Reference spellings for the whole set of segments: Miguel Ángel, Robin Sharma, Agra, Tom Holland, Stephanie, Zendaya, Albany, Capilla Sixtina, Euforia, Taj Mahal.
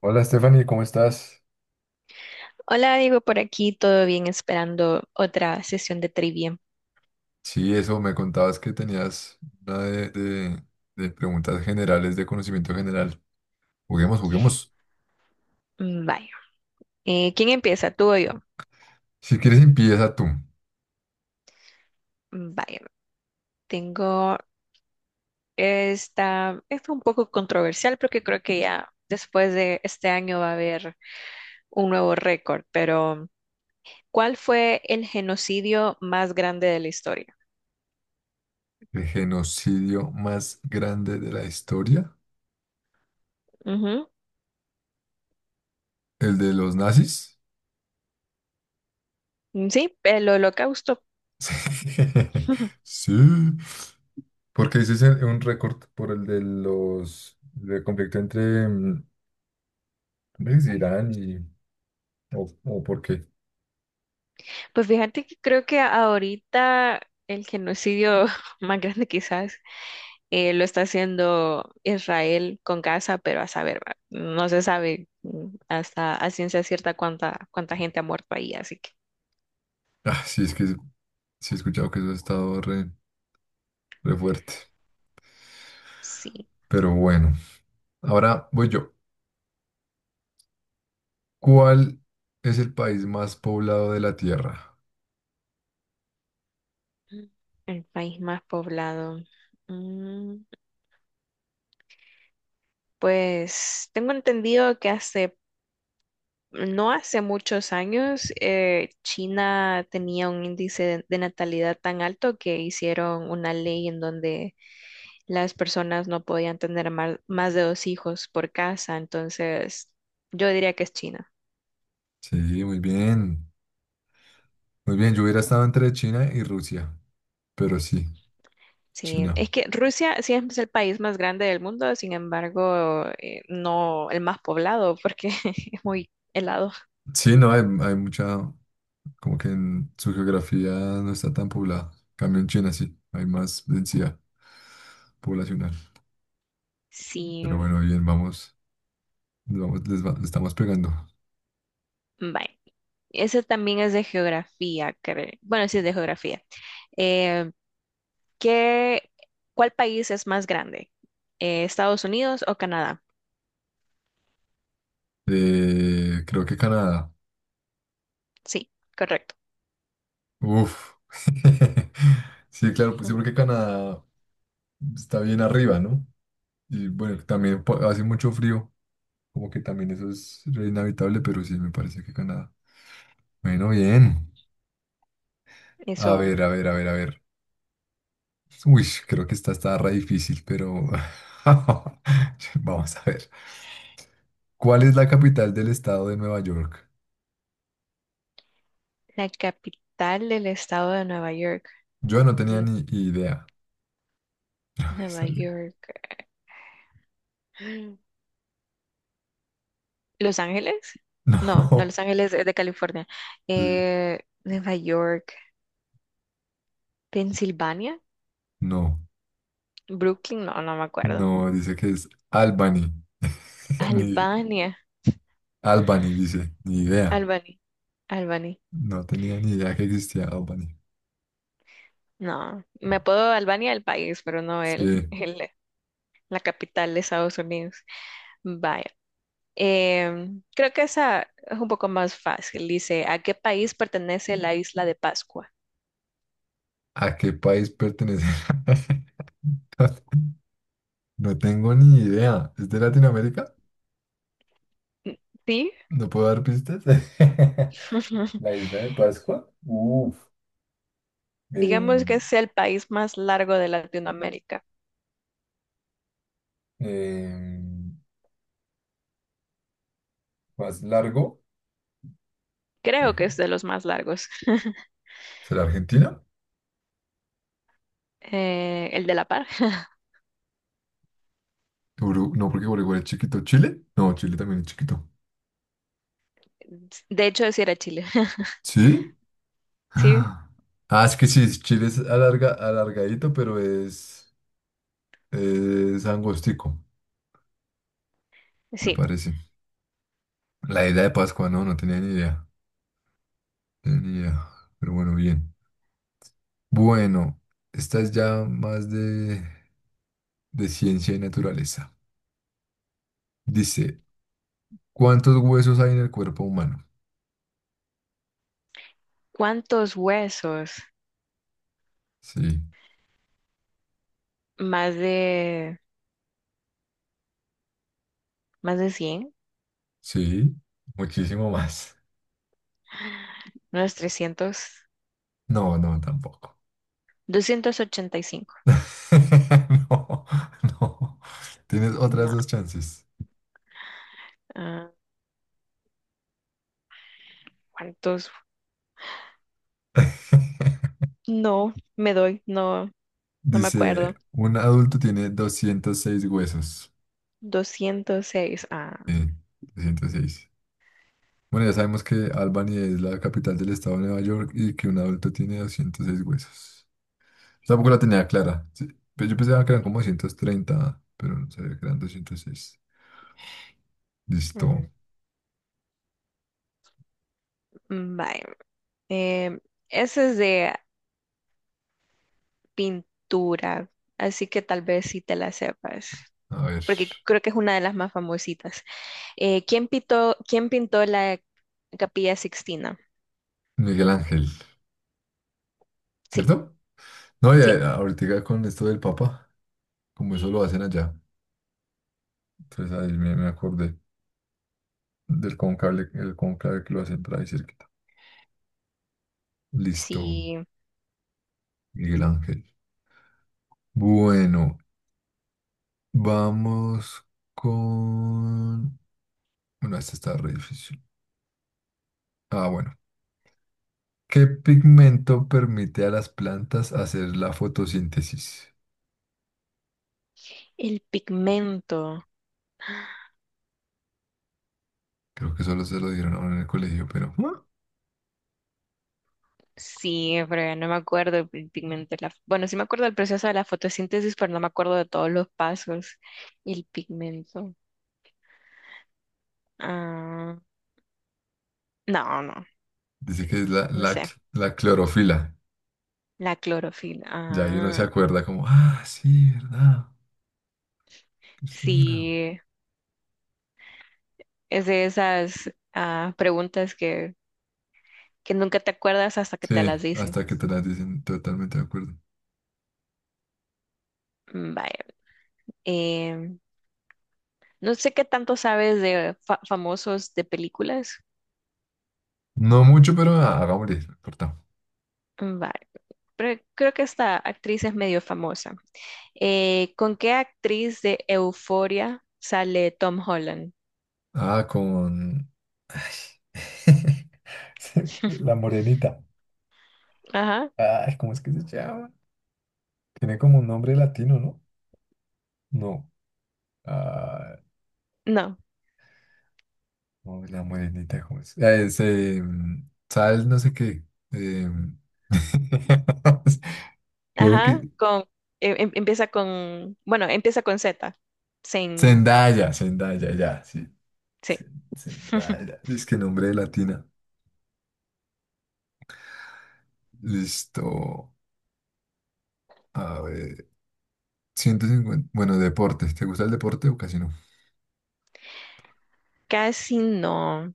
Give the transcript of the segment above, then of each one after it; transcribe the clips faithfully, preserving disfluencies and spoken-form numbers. Hola Stephanie, ¿cómo estás? Hola, digo por aquí, todo bien, esperando otra sesión de trivia. Sí, eso me contabas que tenías una de, de- de preguntas generales, de conocimiento general. Juguemos, juguemos. Mm, Vaya. Eh, ¿quién empieza? ¿Tú o yo? Si quieres, empieza tú. Mm, Vaya. Tengo esta, esta un poco controversial porque creo que ya después de este año va a haber un nuevo récord, pero ¿cuál fue el genocidio más grande de la historia? El genocidio más grande de la historia, Ujú. el de los nazis. Mm, sí, el holocausto. Sí, sí. Porque ese es el- un récord por el de los del conflicto entre mm, ¿cómo es? Irán y o, o por qué. Pues fíjate que creo que ahorita el genocidio más grande quizás eh, lo está haciendo Israel con Gaza, pero a saber, va, no se sabe mm, hasta a ciencia cierta cuánta, cuánta gente ha muerto ahí, así que Ah, sí, es que sí he escuchado que eso ha estado re, re fuerte, sí. pero bueno. Ahora voy yo. ¿Cuál es el país más poblado de la Tierra? El país más poblado. Mm, pues tengo entendido que hace, no hace muchos años, eh, China tenía un índice de de natalidad tan alto que hicieron una ley en donde las personas no podían tener mal- más, de dos hijos por casa, entonces yo diría que es China. Sí, muy bien. Muy bien, yo hubiera estado entre China y Rusia, pero sí, Sí, China. es que Rusia sí es el país más grande del mundo, sin embargo, eh, no el más poblado porque es muy helado. Sí, no, hay, hay mucha, como que en su geografía no está tan poblada. En cambio en China, sí, hay más densidad poblacional. Sí, Pero bueno, bien, vamos, vamos, les, va- le estamos pegando. bye. Ese también es de geografía, cre- Bueno, sí es de geografía. Eh, ¿qué, ¿Cuál país es más grande? Eh, ¿Estados Unidos o Canadá? Eh, creo que Canadá. Sí, correcto. Uf. Sí, claro, pues sí, porque Canadá está bien arriba, ¿no? Y bueno, también po- hace mucho frío, como que también eso es re inhabitable, pero sí, me parece que Canadá. Bueno, bien. A Eso. ver, a ver, a ver, a ver. Uy, creo que esta está re difícil, pero vamos a ver. ¿Cuál es la capital del estado de Nueva York? La capital del estado de Nueva York. Yo no tenía Mm, ni idea. No, Nueva sale. York. Mm. ¿Los Ángeles? No, no No, Los Ángeles es de California. sí, Eh, Nueva York. ¿Pensilvania? no, ¿Brooklyn? No, no me acuerdo. no, dice que es Albany. Ni Albania. Albany, dice, ni idea. Albany. Albany. No tenía ni idea que existía Albany. No, me apodo Albania el país, pero no el, Sí. el- la capital de Estados Unidos. Vaya. Em, creo que esa es un poco más fácil. Dice, ¿a qué país pertenece la isla de Pascua? ¿A qué país pertenece? No, no tengo ni idea. ¿Es de Latinoamérica? Mm, ¿sí? ¿No puedo dar pistas? La isla de Pascua. Uf. Digamos Eh, que es el país más largo de Latinoamérica. eh, más largo. Creo que Eh, es de los más largos. ¿Será Argentina? Eh, el de La Par. Uru- no, porque Uruguay es chiquito. ¿Chile? No, Chile también es chiquito. De hecho, sí era Chile. ¿Sí? Sí, Ah. Ah, es que sí, es- Chile es alarga, alargadito, pero es, es angostico, me sí. parece. La isla de Pascua, no, no tenía ni idea. Ya, pero bueno, bien. Bueno, esta es ya más de, de ciencia y naturaleza. Dice, ¿cuántos huesos hay en el cuerpo humano? ¿Cuántos huesos? Sí, Más de, más de cien, sí, muchísimo más. unos No, no, tampoco. trescientos, doscientos ochenta y cinco. No, no. Tienes otras No, dos chances. ah, ¿cuántos? No, me doy, no, no me Dice, acuerdo. un adulto tiene doscientos seis huesos. Doscientos seis. Ah, Sí, doscientos seis. Bueno, ya sabemos que Albany es la capital del estado de Nueva York y que un adulto tiene doscientos seis huesos. Tampoco la tenía clara. Sí. Pero yo pensaba que eran como doscientos treinta, pero no sabía que eran doscientos seis. Listo. mm, mm, vaya. Eh, ese es de pintura, así que tal vez sí te la sepas, A ver. porque creo que es una de las más famositas. Eh, ¿quién pintó, ¿quién pintó la Capilla Sixtina? Miguel Ángel, Sí, ¿cierto? No, y sí, a- ahorita con esto del Papa, como eso lo hacen allá. Entonces ahí me, me acordé del conclave, el conclave que lo hacen por ahí cerquita. Listo, sí. Miguel Ángel. Bueno, vamos con... Bueno, este está re difícil. Ah, bueno. ¿Qué pigmento permite a las plantas hacer la fotosíntesis? El pigmento. Creo que solo se lo dieron a uno en el colegio, pero ¿ah? Sí, pero no me acuerdo el pi- pigmento. de La... Bueno, sí me acuerdo del proceso de la fotosíntesis, pero no me acuerdo de todos los pasos. El pigmento. Ah, no, no, Dice que es la, no la, sé. cl- la clorofila. La clorofila. Ya ahí uno se Ah, acuerda como, ah, sí, ¿verdad? Esto era. sí. Es de esas ah, preguntas que, que nunca te acuerdas hasta que te Sí, las dicen. hasta que te las dicen, totalmente de acuerdo. Mm, Vaya. Em, no sé qué tanto sabes de fa- famosos de películas. No mucho, pero ah, hagámosle, no importa. Mm, Vaya. Pero creo que esta actriz es medio famosa. Eh, ¿con qué actriz de Euforia sale Tom Holland? Ah, con... Sí, la morenita. Ajá. Ay, ¿cómo es que se llama? Tiene como un nombre latino, ¿no? No. No. Uy, la morenita, ¿cómo es? Ah, es, eh, Sal, no sé qué. eh, creo Ajá. que. Con, em- em- empieza con, bueno, empieza con Z. Sin, Zendaya, Zendaya, ya, sí. Sí. Zen- Zendaya. Es que nombre de latina. Listo. A ver. Ciento cincuenta. Bueno, deportes. ¿Te gusta el deporte o casi no? Casi no.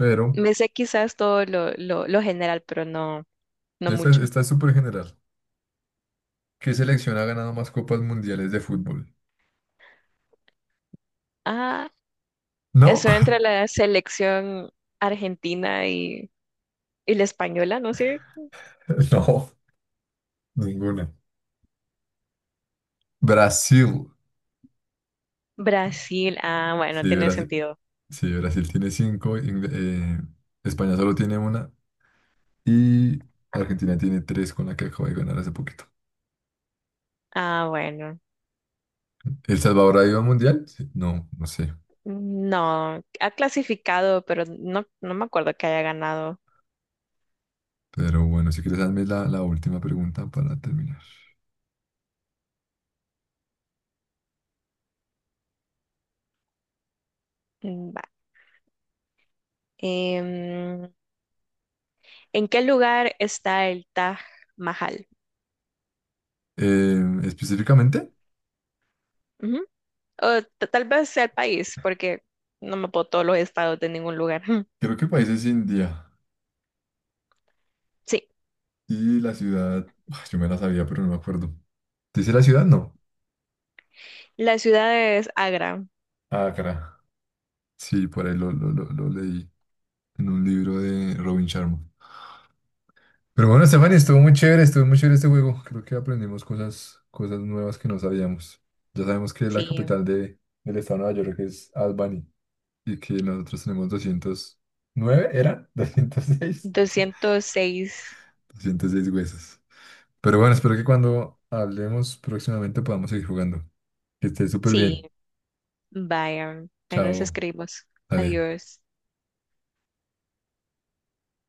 Pero, Me sé quizás todo lo, lo, lo general, pero no, no esta, es- mucho. esta es súper general. ¿Qué selección ha ganado más copas mundiales de fútbol? Ah, ¿No? estoy entre la selección argentina y, y la española, no sé. No, ninguna. Brasil. Brasil, ah, bueno, Sí, tiene Brasil. sentido. Sí, Brasil tiene cinco, Ingl- eh, España solo tiene una y Argentina tiene tres con la que acabo de ganar hace poquito. Ah, bueno. ¿El Salvador ha ido al mundial? Sí, no, no sé. No, ha clasificado, pero no, no me acuerdo que haya ganado. Pero bueno, si quieres, hazme la, la última pregunta para terminar. Mm, va. Em, ¿En qué lugar está el Taj Mahal? Eh, específicamente, Ujú. O t- tal vez sea el país, porque no me puedo todos los estados de ningún lugar. creo que el país es India Sí. y la ciudad, ah, yo me la sabía, pero no me acuerdo. ¿Dice la ciudad? No. La ciudad es Agra, Ah, cara. Sí, por ahí lo, lo, lo, lo leí en un libro de Robin Sharma. Pero bueno, Stephanie, estuvo muy chévere, estuvo muy chévere este juego. Creo que aprendimos cosas, cosas nuevas que no sabíamos. Ya sabemos que la sí. capital de, del estado de Nueva York es Albany y que nosotros tenemos doscientos nueve ¿era? Doscientos seis. Doscientos seis, Doscientos seis huesos. Pero bueno, espero que cuando hablemos próximamente podamos seguir jugando. Que estés súper sí. bien. Vaya, ahí nos Chao. escribimos. Dale. Adiós.